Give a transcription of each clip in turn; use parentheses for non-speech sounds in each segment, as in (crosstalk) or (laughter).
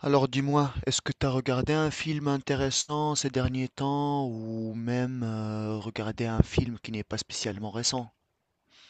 Alors dis-moi, est-ce que tu as regardé un film intéressant ces derniers temps ou même regardé un film qui n'est pas spécialement récent?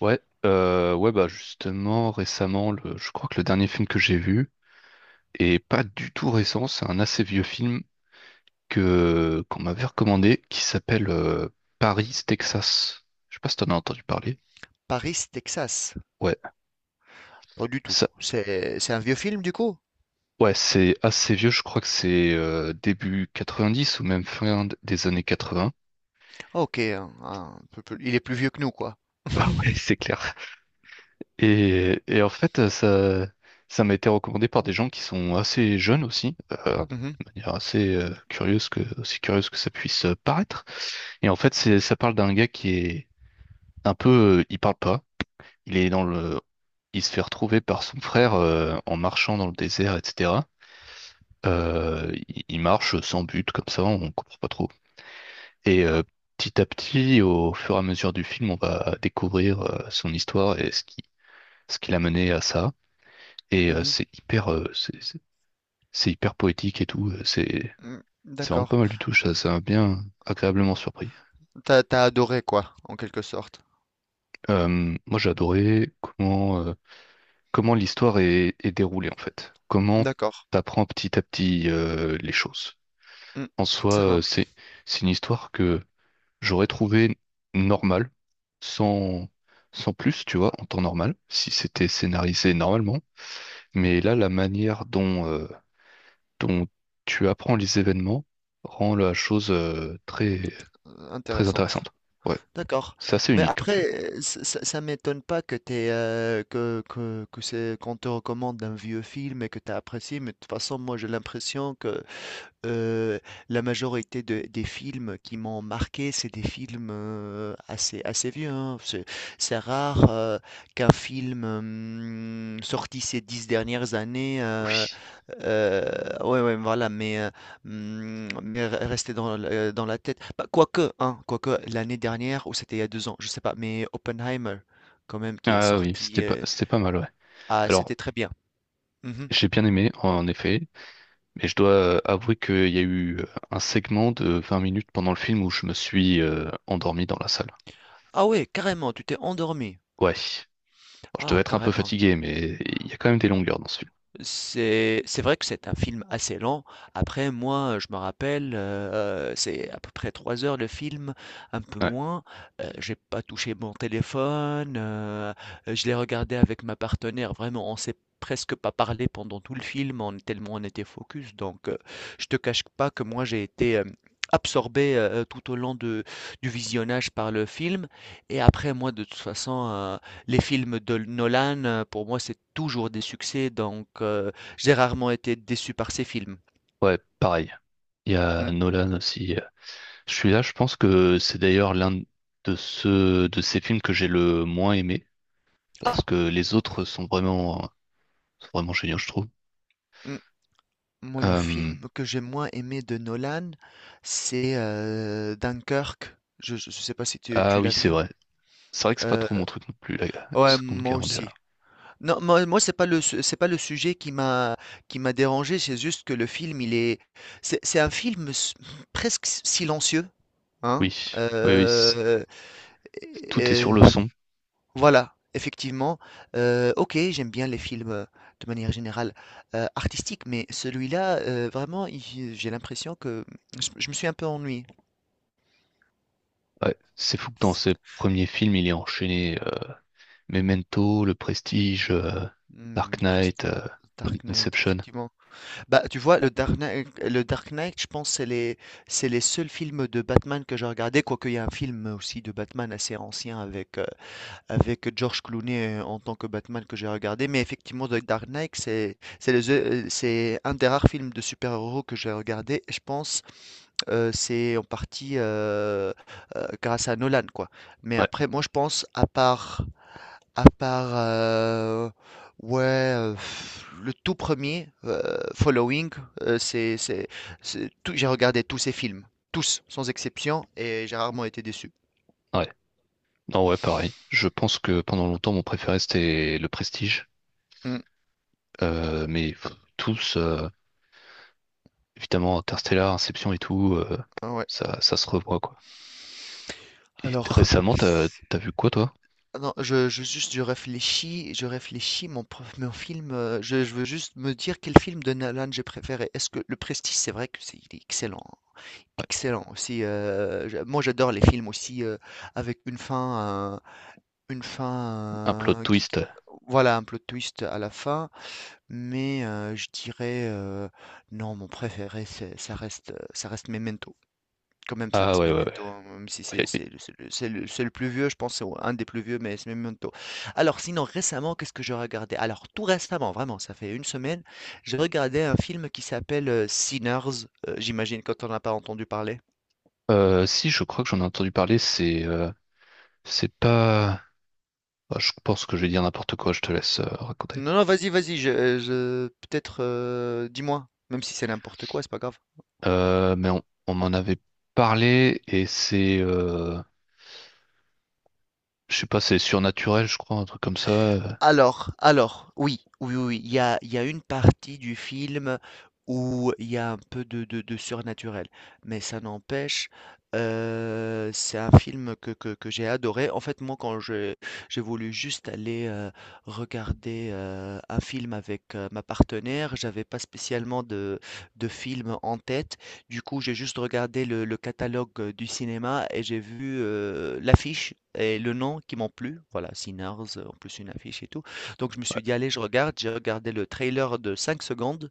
Ouais, ouais, bah justement, récemment, je crois que le dernier film que j'ai vu, et pas du tout récent, c'est un assez vieux film que qu'on m'avait recommandé, qui s'appelle Paris, Texas. Je sais pas si t'en as entendu parler. Paris, Texas? Ouais, Pas du tout. ça, C'est un vieux film du coup? ouais, c'est assez vieux, je crois que c'est début 90 ou même des années 80. Ah, ok, un peu plus- il est plus vieux que nous quoi. Ah (laughs) ouais, c'est clair. Et en fait, ça, ça m'a été recommandé par des gens qui sont assez jeunes aussi, euh, Mhm, de manière assez curieuse aussi curieuse que ça puisse paraître. Et en fait, ça parle d'un gars qui est un peu, il parle pas, il est il se fait retrouver par son frère en marchant dans le désert, etc. Il marche sans but comme ça, on comprend pas trop. Et euh, petit à petit, au fur et à mesure du film, on va découvrir son histoire et ce qui l'a mené à ça. Et mhm, c'est hyper, c'est hyper poétique et tout. Mm, C'est vraiment pas d'accord. mal du tout. Ça m'a bien agréablement surpris. T'as adoré quoi, en quelque sorte. Moi, j'ai adoré comment comment l'histoire est déroulée en fait. Comment D'accord. t'apprends petit à petit les choses. Mm, En soi, ça marche. c'est une histoire que j'aurais trouvé normale, sans sans plus, tu vois, en temps normal, si c'était scénarisé normalement. Mais là, la manière dont dont tu apprends les événements rend la chose très très Intéressante. intéressante. Ouais, D'accord. c'est assez Mais unique comme film. après, ça m'étonne pas que t'es, que c'est qu'on te recommande un vieux film et que tu as apprécié, mais de toute façon, moi j'ai l'impression que Heu, la majorité de des films qui m'ont marqué, c'est des films, assez vieux, hein. C'est rare, qu'un film, sorti ces 10 dernières années, Oui. Heu, ouais, voilà, mais, mmh, mais re rester dans l dans la tête. Bah, quoique, hein, quoique l'année dernière ou c'était il y a 2 ans, je sais pas, mais Oppenheimer quand même qui est Ah oui, sorti, c'était pas, c'était pas mal, ouais. ah, c'était Alors, très bien. Mmh. j'ai bien aimé en effet, mais je dois avouer qu'il y a eu un segment de 20 minutes pendant le film où je me suis endormi dans la salle. Ah ouais, carrément, tu t'es endormi? Ouais. Bon, je devais Ah, être un peu carrément. fatigué, mais il y a quand même des longueurs dans ce film. C'est vrai que c'est un film assez lent. Après, moi, je me rappelle, c'est à peu près 3 heures le film, un peu Ouais. moins. J'ai pas touché mon téléphone, je l'ai regardé avec ma partenaire. Vraiment, on s'est presque pas parlé pendant tout le film, on tellement on était focus. Donc, je te cache pas que moi, j'ai été, absorbé, tout au long de du visionnage par le film et après moi, de toute façon, les films de Nolan, pour moi, c'est toujours des succès, donc j'ai rarement été déçu par ces films. Ouais, pareil. Il y a Mmh. Nolan aussi. Je suis là, je pense que c'est d'ailleurs l'un de ceux de ces films que j'ai le moins aimé, Ah! parce que les autres sont sont vraiment géniaux, je trouve. Mmh, moi, le Euh, film que j'ai moins aimé de Nolan, c'est, Dunkerque. Je ne sais pas si tu ah tu oui, l'as c'est vu? vrai. C'est vrai que c'est pas trop mon Heu, truc non plus, la ouais, Seconde moi Guerre aussi. mondiale. Non, moi, c'est pas le su c'est pas le sujet qui m'a dérangé, c'est juste que le film, il est c'est un film s presque silencieux, hein? Oui, oui, oui, tout est sur le son. Voilà, effectivement. OK, j'aime bien les films, de manière générale, artistiques, mais celui-là, vraiment, il j'ai l'impression que je me suis un peu ennuyé. Ouais, c'est fou que dans S ses premiers films, il est enchaîné Memento, Le Prestige, mmh, Dark Knight, Prest Dark Knight, Inception. effectivement. Bah, tu vois, le Dark Knight, je pense, c'est les seuls films de Batman que j'ai regardés, quoique il y a un film aussi de Batman assez ancien avec George Clooney en tant que Batman que j'ai regardé. Mais effectivement, The Dark Knight, c'est un des rares films de super-héros que j'ai regardé. Je pense c'est en partie grâce à Nolan, quoi. Mais Ouais, après, moi, je pense à part le tout premier Following, euh, c'est tout. J'ai regardé tous ces films, tous sans exception, et j'ai rarement été déçu. ouais. Non, ouais, pareil. Je pense que pendant longtemps, mon préféré, c'était Le Prestige. Mm, Mais pff, tous, évidemment, Interstellar, Inception et tout, ouais. ça, ça se revoit, quoi. Et Alors. récemment, t'as vu quoi, toi? Ah non, je réfléchis mon film. Je veux juste me dire quel film de Nolan j'ai préféré. Est-ce que Le Prestige, c'est vrai que c'est il est excellent, hein. Ouais. Excellent aussi. Moi, j'adore les films aussi avec une fin, une Un plot fin euh, qui, qui- twist. voilà un plot twist à la fin. Mais je dirais non, mon préféré, ça reste Memento. Quand même, ça Ah reste ouais, ouais, Memento, hein, même si ouais. C'est le plus vieux, je pense, c'est un des plus vieux, mais c'est Memento. Alors sinon, récemment, qu'est-ce que j'ai regardé? Alors tout récemment, vraiment, ça fait une semaine, j'ai regardé un film qui s'appelle, Sinners, j'imagine que tu en as pas entendu parler? Si, je crois que j'en ai entendu parler, c'est pas... Ah, je pense que je vais dire n'importe quoi, je te laisse raconter. Non, non, vas-y, vas-y, je peut-être, dis-moi, même si c'est n'importe quoi, c'est pas grave. Euh, mais on, on m'en avait parlé et c'est... je sais pas, c'est surnaturel, je crois, un truc comme ça. Alors, oui, il y a une partie du film où il y a un peu de surnaturel, mais ça n'empêche, c'est un film que j'ai adoré. En fait, moi, quand j'ai voulu juste aller regarder un film avec ma partenaire, j'avais pas spécialement de film en tête, du coup, j'ai juste regardé le catalogue du cinéma et j'ai vu l'affiche et le nom qui m'ont plu. Voilà, Sinners, en plus une affiche et tout. Donc je me Ouais, suis dit, allez, je regarde. J'ai regardé le trailer de 5 secondes.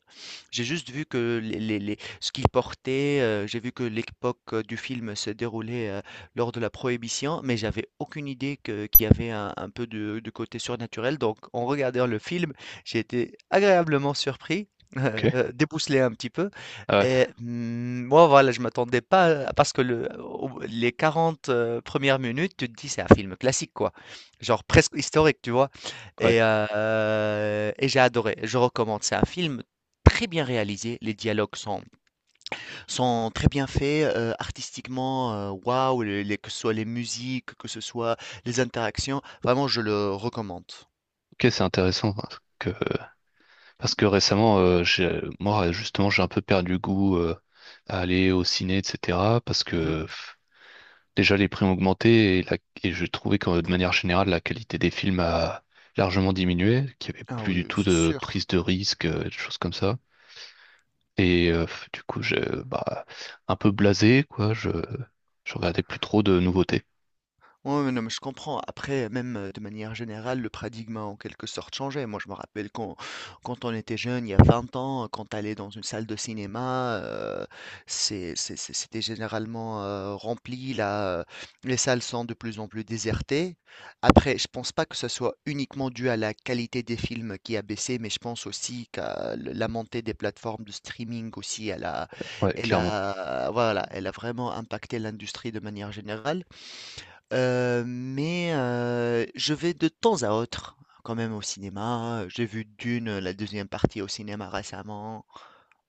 J'ai juste vu que ce qu'il portait, j'ai vu que l'époque du film se déroulait lors de la Prohibition, mais j'avais aucune idée qu'il y avait un peu de côté surnaturel. Donc en regardant le film, j'ai été agréablement surpris, (laughs) euh, ok. débousselé un petit peu. Ah ouais, Et moi, voilà, je m'attendais pas parce que le au les 40 1 minutes, tu te dis: «C'est un film classique, quoi». Genre presque historique, tu vois? ouais. Et j'ai adoré, je recommande. C'est un film très bien réalisé, les dialogues sont très bien faits, artistiquement, waouh, les que ce soit les musiques, que ce soit les interactions, vraiment je le recommande. Ok, c'est intéressant, hein. Que, parce que récemment, j'ai, moi, justement, j'ai un peu perdu goût à aller au ciné, etc. Parce Mmh. que... Déjà, les prix ont augmenté et je trouvais que de manière générale, la qualité des films a largement diminué, qu'il n'y avait Ah plus du oui, tout c'est de sûr. prise de risque, des choses comme ça. Et du coup, j'ai bah, un peu blasé, quoi. Je regardais plus trop de nouveautés. Ouais, ouais, non, mais je comprends. Après, même de manière générale, le paradigme a en quelque sorte changé. Moi, je me rappelle quand on était jeune, il y a 20 ans, quand allait dans une salle de cinéma, c'était généralement rempli. Là, les salles sont de plus en plus désertées. Après, je pense pas que ce soit uniquement dû à la qualité des films qui a baissé, mais je pense aussi qu'à le- la montée des plateformes de streaming aussi, Ouais, clairement. Voilà, elle a vraiment impacté l'industrie de manière générale. Mais je vais de temps à autre quand même au cinéma. J'ai vu Dune, la deuxième partie au cinéma récemment.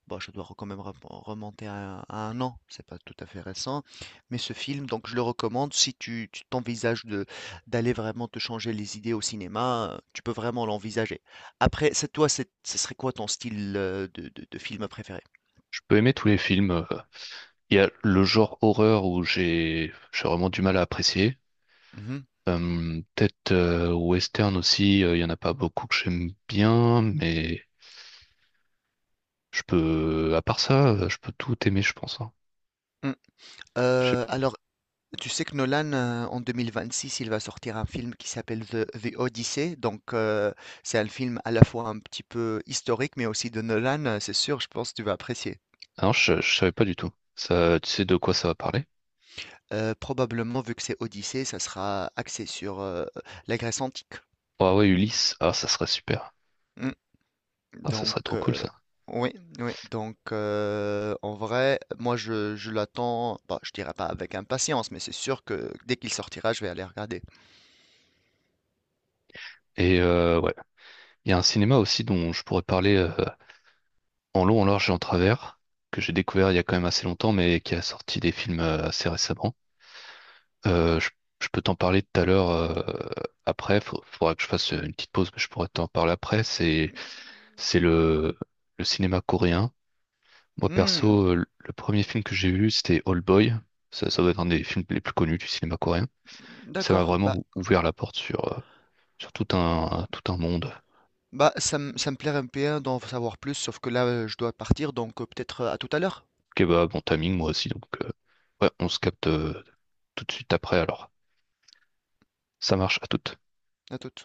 Bon, je dois quand même remonter à 1 an, c'est pas tout à fait récent, mais ce film, donc je le recommande si tu t'envisages de d'aller vraiment te changer les idées au cinéma, tu peux vraiment l'envisager. Après, c'est ce serait quoi ton style, de film préféré? Je peux aimer tous les films. Il y a le genre horreur où j'ai vraiment du mal à apprécier. Mmh mh. Peut-être western aussi, il y en a pas beaucoup que j'aime bien, mais je peux, à part ça, je peux tout aimer, je pense, hein. Mmh, Je sais- alors tu sais que Nolan, en 2026, il va sortir un film qui s'appelle The Odyssey. Donc, c'est un film à la fois un petit peu historique, mais aussi de Nolan. C'est sûr, je pense que tu vas apprécier. Ah non, je savais pas du tout. Ça, tu sais de quoi ça va parler? Probablement, vu que c'est Odyssée, ça sera axé sur la Grèce antique. Ah ouais, Ulysse, ah ça serait super. Mm. Ah ça Donc, serait trop cool ça. oui, oui. Donc, en vrai, moi, je l'attends. Bah, je dirais pas avec impatience, mais c'est sûr que dès qu'il sortira, je vais aller regarder. Et ouais, il y a un cinéma aussi dont je pourrais parler en long, en large et en travers, que j'ai découvert il y a quand même assez longtemps, mais qui a sorti des films assez récemment. Euh, je, je peux t'en parler tout à l'heure après. Il faudra que je fasse une petite pause, mais je pourrais t'en parler après. C'est le, le cinéma coréen. Moi, Hmm, perso, le premier film que j'ai vu, c'était Old Boy. Ça doit être un des films les plus connus du cinéma coréen. Mais ça m'a d'accord. vraiment Bah, ouvert la porte sur, sur tout un monde. Bah, ça me plairait un peu d'en savoir plus, sauf que là, je dois partir, donc, peut-être, à tout à l'heure. Ok, bah, bon timing, moi aussi. Donc, ouais, on se capte tout de suite après. Alors, ça marche, à toute. À toute.